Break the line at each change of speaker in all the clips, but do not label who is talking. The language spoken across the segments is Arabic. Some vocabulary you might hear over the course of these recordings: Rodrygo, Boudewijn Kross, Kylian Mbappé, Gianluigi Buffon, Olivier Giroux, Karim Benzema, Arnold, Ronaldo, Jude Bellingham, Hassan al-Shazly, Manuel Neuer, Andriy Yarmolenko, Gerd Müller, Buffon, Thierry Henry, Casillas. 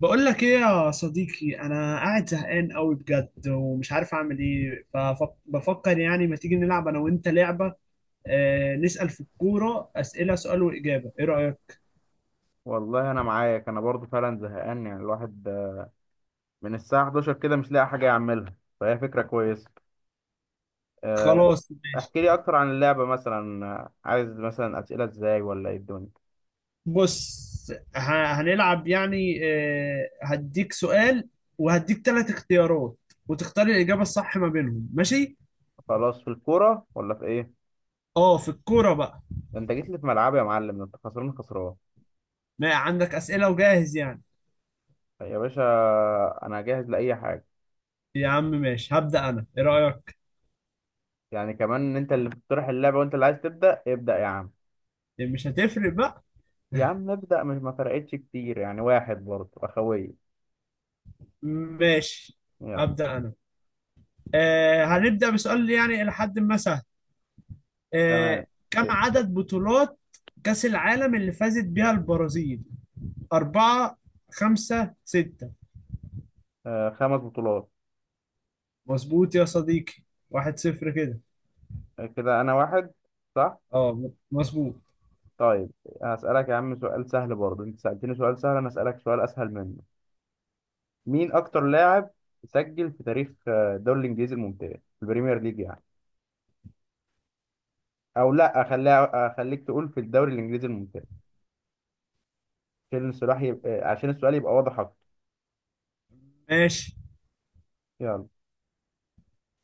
بقول لك ايه يا صديقي، انا قاعد زهقان قوي بجد ومش عارف اعمل ايه، فبفكر يعني ما تيجي نلعب انا وانت لعبة؟ آه، نسأل في الكورة أسئلة، سؤال وإجابة، ايه رأيك؟
والله انا معاك، انا برضو فعلا زهقان. يعني الواحد من الساعه 11 كده مش لاقي حاجه يعملها. فهي فكره كويسه. آه،
خلاص ماشي.
احكي لي اكتر عن اللعبه، مثلا عايز مثلا اسئله ازاي ولا ايه الدنيا؟
بص، هنلعب يعني، آه هديك سؤال وهديك ثلاث اختيارات وتختار الإجابة الصح ما بينهم، ماشي؟
خلاص، في الكوره ولا في ايه؟
اه في الكورة بقى.
ده انت جيت لي في ملعبي يا معلم، ده انت خسران خسران
ما عندك أسئلة وجاهز يعني؟
يا باشا. انا جاهز لاي حاجه.
يا عم ماشي، هبدأ انا، ايه رأيك؟
يعني كمان ان انت اللي بتقترح اللعبه وانت اللي عايز تبدا، ابدا يا عم.
مش هتفرق بقى.
يا عم ابدا، مش ما فرقتش كتير يعني، واحد برضو اخويه.
ماشي،
يلا.
أبدأ أنا. آه هنبدأ بسؤال يعني إلى حد ما سهل. آه،
تمام.
كم عدد بطولات كأس العالم اللي فازت بيها البرازيل؟ أربعة، خمسة، ستة؟
خمس بطولات.
مظبوط يا صديقي، واحد صفر كده.
كده انا واحد صح.
اه مظبوط.
طيب هسألك يا عم سؤال سهل برضه. انت سألتني سؤال سهل، انا أسألك سؤال اسهل منه. مين اكتر لاعب سجل في تاريخ الدوري الانجليزي الممتاز، في البريمير ليج يعني. او لا خليها، اخليك تقول في الدوري الانجليزي الممتاز عشان السؤال يبقى، عشان السؤال يبقى واضح اكتر.
ماشي.
يلا.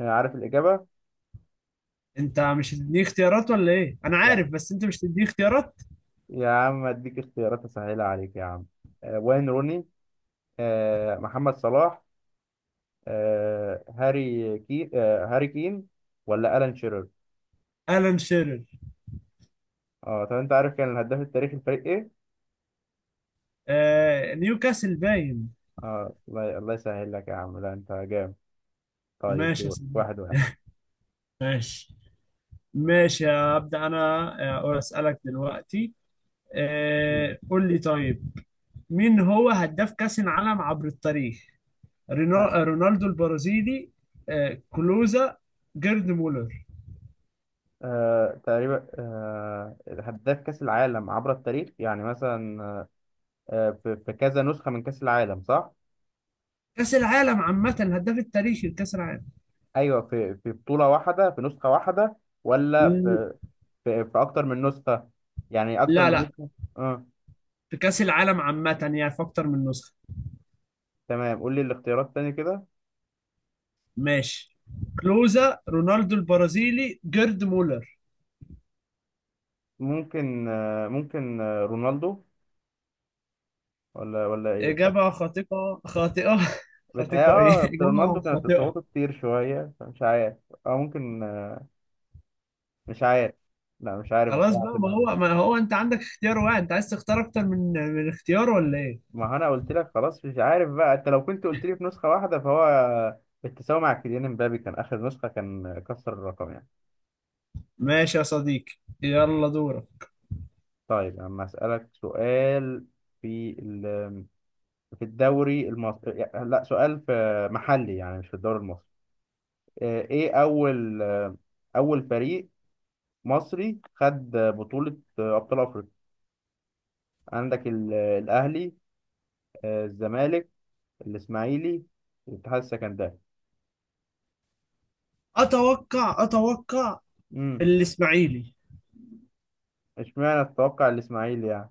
أنا عارف الاجابة.
انت مش هتديني اختيارات ولا ايه؟ انا
يا
عارف، بس انت مش هتديني اختيارات.
يا عم اديك اختيارات اسهلها عليك يا عم. وين روني، محمد صلاح، آه، هاري كي آه، هاري كين، ولا ألان شيرر.
الان شيرر.
اه طب انت عارف كان الهداف التاريخي الفريق ايه؟
آه نيوكاسل باين.
اه الله الله، يسهل لك يا عم، لا انت جامد. طيب
ماشي يا
دور.
صديقي.
واحد واحد.
ماشي ماشي هبدأ انا. اسألك دلوقتي.
مم.
آه قول لي طيب. مين هو هداف كأس العالم عبر التاريخ؟
ه-
رونالدو البرازيلي، كلوزا، جيرد مولر.
آه تقريبا، آه هداف كأس العالم عبر التاريخ يعني مثلا في كذا نسخة من كأس العالم صح؟
كأس العالم عامة، الهداف التاريخي لكأس العالم.
أيوه، في بطولة واحدة في نسخة واحدة، ولا
ل-
في في أكتر من نسخة؟ يعني أكتر
لا
من
لا،
نسخة؟ اه.
في كأس العالم عامة يعني، في أكتر من نسخة.
تمام، قول لي الاختيارات تاني كده.
ماشي، كلوزا، رونالدو البرازيلي، جيرد مولر.
ممكن آه رونالدو، ولا إيه؟
إجابة خاطئة، خاطئة.
بتهيأ.
خاطئة إيه،
اه أصل رونالدو
إجابة
كانت
خاطئة.
إصاباته كتير شوية فمش عارف. أو ممكن مش عارف. لا مش عارف
خلاص
بصراحة في
بقى، ما
اللحظة دي.
هو ما هو أنت عندك اختيار واحد، أنت عايز تختار أكتر من اختيار ولا إيه؟
ما هو أنا قلت لك خلاص مش عارف بقى. أنت لو كنت قلت لي في نسخة واحدة، فهو التساوي مع كيليان امبابي كان آخر نسخة، كان كسر الرقم يعني.
ماشي يا صديقي، يلا دورك.
طيب أما أسألك سؤال. في ال... في الدوري المصري يعني- لا، سؤال في محلي يعني، مش في الدوري المصري. إيه أول أول فريق مصري خد بطولة أبطال أفريقيا؟ عندك الأهلي، الزمالك، الاسماعيلي، الاتحاد السكندري.
اتوقع
امم.
الاسماعيلي.
اشمعنى تتوقع الاسماعيلي يعني؟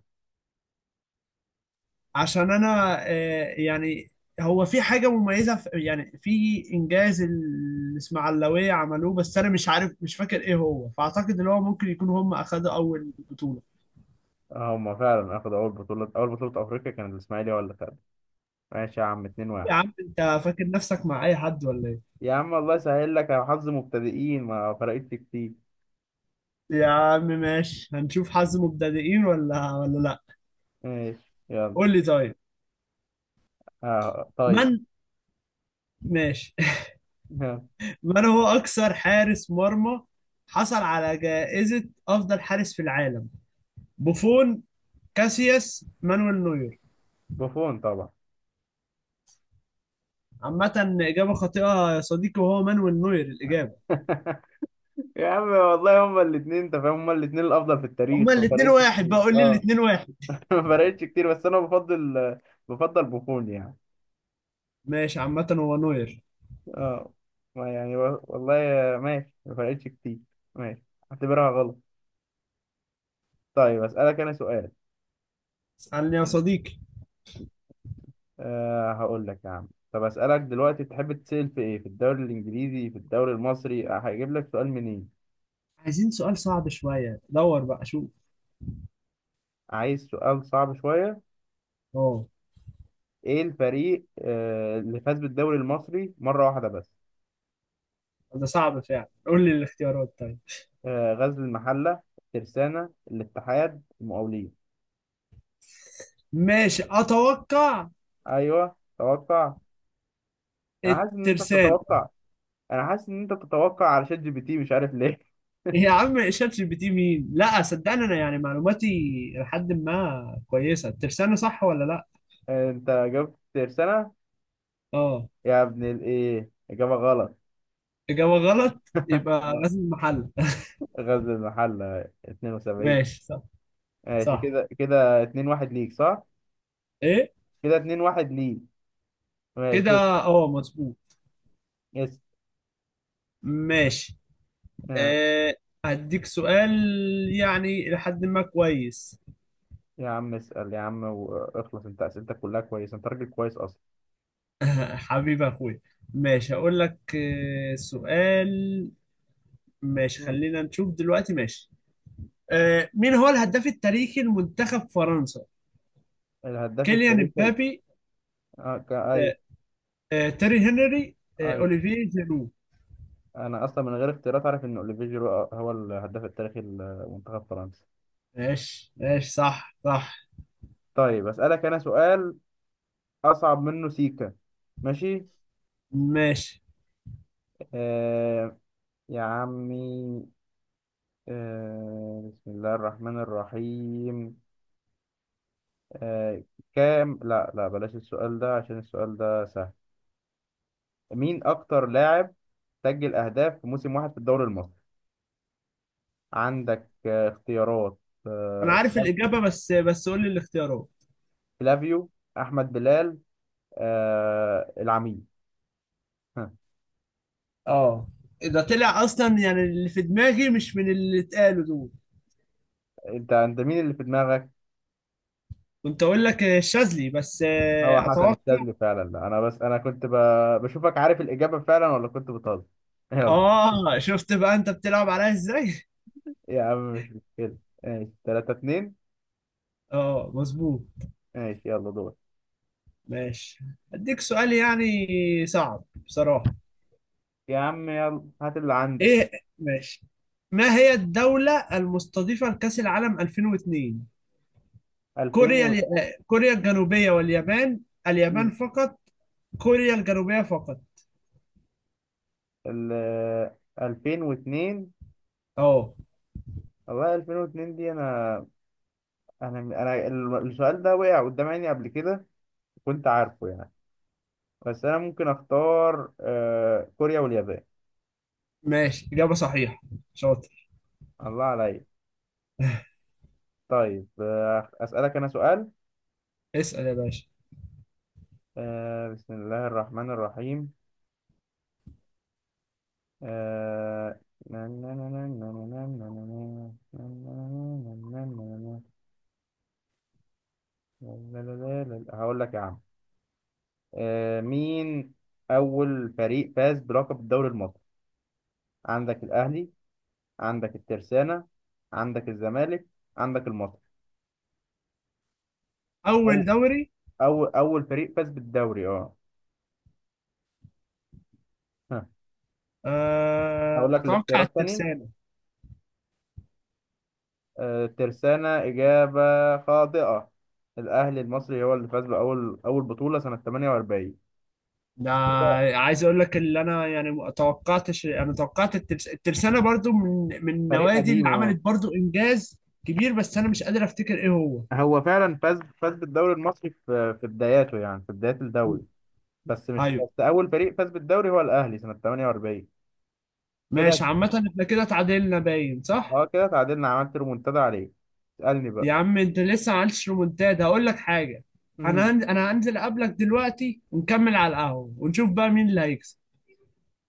عشان انا يعني هو في حاجه مميزه في يعني في انجاز الاسماعيلاويه عملوه، بس انا مش عارف، مش فاكر ايه هو، فاعتقد ان هو ممكن يكون هم اخدوا اول بطوله.
هم فعلا اخذوا اول بطوله، اول بطوله افريقيا كان الاسماعيلي هو اللي خدها. ماشي يا عم، 2
يا
1
عم انت فاكر نفسك مع اي حد ولا ايه؟
يا عم الله يسهل لك، يا حظ مبتدئين، ما فرقتش كتير.
يا عم ماشي، هنشوف حظ مبتدئين ولا لا.
ماشي يلا.
قول لي طيب.
آه طيب.
من، ماشي. من هو اكثر حارس مرمى حصل على جائزة أفضل حارس في العالم؟ بوفون، كاسياس، مانويل نوير؟
بوفون طبعا.
عامة إجابة خاطئة يا صديقي، وهو مانويل نوير الإجابة.
يا عم والله هما الاثنين انت فاهم، هما الاثنين الافضل في التاريخ،
هما
ما
الاتنين
فرقتش
واحد،
كتير
بقول لي
اه.
الاتنين واحد.
ما فرقتش كتير بس انا بفضل بوفون يعني.
ماشي، عامة هو نوير.
اه ما يعني والله ماشي، ما فرقتش كتير. ماشي، اعتبرها غلط. طيب اسألك انا سؤال.
اسألني يا صديقي.
أه هقول لك يا عم، طب اسألك دلوقتي تحب تسأل في ايه؟ في الدوري الانجليزي في الدوري المصري؟ أه هجيب لك سؤال منين؟
عايزين سؤال صعب شوية، دور بقى شوف.
عايز سؤال صعب شوية.
اه.
ايه الفريق أه اللي فاز بالدوري المصري مرة واحدة بس؟
ده صعب فعلا، قول لي الاختيارات طيب.
أه غزل المحلة، ترسانة، الاتحاد، المقاولين.
ماشي أتوقع
ايوه توقع. انا حاسس ان انت
الترسانة.
بتتوقع، انا حاسس ان انت بتتوقع على شات جي بي تي مش عارف ليه.
إيه يا عم، شات جي بي تي مين؟ لا صدقني، أنا يعني معلوماتي لحد ما كويسة. الترسانة صح ولا لا؟
انت جبت سنة.
اه.
يا ابن الايه، اجابة غلط.
إجابة غلط يبقى غزل المحل.
غزل المحلة 72.
ماشي صح
ماشي،
صح.
كده كده 2-1 ليك صح.
ايه
كده 2-1 ليك.
كده.
ماشي.
اه مظبوط.
يس.
ماشي.
آه،
أه هديك سؤال يعني لحد ما كويس.
يا عم اسأل يا عم واخلص، انت اسئلتك كلها كويسة، انت راجل كويس اصلا.
حبيب اخويا. ماشي هقول لك سؤال. ماشي،
مم.
خلينا نشوف دلوقتي، ماشي. أه مين هو الهداف التاريخي لمنتخب فرنسا؟
الهداف
كيليان
التاريخي
امبابي،
ايوه.
أه، أه تيري هنري، أه
ايوه،
اوليفيه جيرو؟
انا اصلا من غير اختيارات عارف ان اوليفيه جيرو هو الهداف التاريخي لمنتخب فرنسا.
ماشي ماشي، صح صح.
طيب اسألك انا سؤال اصعب منه سيكا. ماشي.
ماشي.
آه، يا عمي، بسم الله الرحمن الرحيم. آه كام لا لا، بلاش السؤال ده عشان السؤال ده سهل. مين أكتر لاعب سجل أهداف في موسم واحد في الدوري المصري؟ عندك اختيارات:
انا
آه
عارف
فلا-
الاجابه، بس قول لي الاختيارات.
فلافيو، أحمد بلال، العميد. ها،
اه. ده طلع اصلا يعني اللي في دماغي مش من اللي اتقالوا دول.
أنت مين اللي في دماغك؟
كنت اقول لك الشاذلي بس،
هو حسن
اتوقع.
الشاذلي فعلا. لا أنا بس أنا كنت بشوفك عارف الإجابة فعلا ولا كنت بتهزر. يلا.
اه شفت بقى انت بتلعب عليا ازاي.
يا عم مش مشكلة. ماشي 3-2.
اه مظبوط.
ماشي يلا دور.
ماشي. اديك سؤال يعني صعب بصراحة.
يا عم يلا هات اللي عندك.
ايه. ماشي. ما هي الدولة المستضيفة لكأس العالم 2002؟
2000 و
آه، كوريا الجنوبية واليابان؟ اليابان فقط؟ كوريا الجنوبية فقط؟
ال 2002.
اه.
والله 2002 دي السؤال ده وقع قدام عيني قبل كده، كنت عارفه يعني. بس انا ممكن اختار كوريا واليابان.
ماشي، إجابة صحيحة، شاطر.
الله عليا. طيب اسالك انا سؤال.
اسأل يا باشا.
بسم الله الرحمن الرحيم. آه، هقول لك يا عم. مين أول فريق فاز بلقب الدوري المصري؟ عندك الأهلي، عندك الترسانة، عندك الزمالك، عندك المصري.
اول
أو
دوري.
أول فريق فاز بالدوري أه. ها هقول لك
اتوقع
الاختيارات تاني.
الترسانة.
الترسانة إجابة خاطئة. الأهلي المصري هو اللي فاز بأول بطولة سنة 48.
ده عايز اقول لك اللي انا، يعني ما توقعتش، انا توقعت الترسانة برضو، من
فريق
النوادي اللي
قديم أه.
عملت برضو انجاز كبير، بس انا مش قادر افتكر ايه هو.
هو فعلا فاز بالدوري المصري في بداياته يعني في بداية
م.
الدوري. بس مش
ايوه.
بس أول فريق فاز بالدوري هو الأهلي سنة 48. كده
ماشي عامة، احنا كده اتعادلنا باين صح.
اه، كده تعادلنا، عملت ريمونتادا عليك. اسألني
يا
بقى.
عم انت لسه ما عملتش رومونتاد، هقول لك حاجة.
امم.
انا هنزل اقابلك دلوقتي ونكمل على القهوة ونشوف بقى مين اللي هيكسب.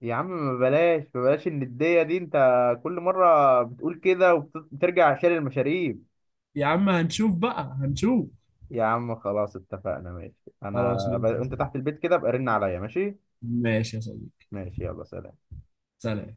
يا عم ما بلاش، ما بلاش الندية دي، انت كل مرة بتقول كده وبترجع عشان المشاريب.
يا عم هنشوف بقى، هنشوف.
يا عم خلاص اتفقنا ماشي. انا
خلاص ماشي يا
انت
صديقي.
تحت البيت كده ابقى رن عليا ماشي.
ماشي يا صديقي.
ماشي يلا، سلام.
سلام.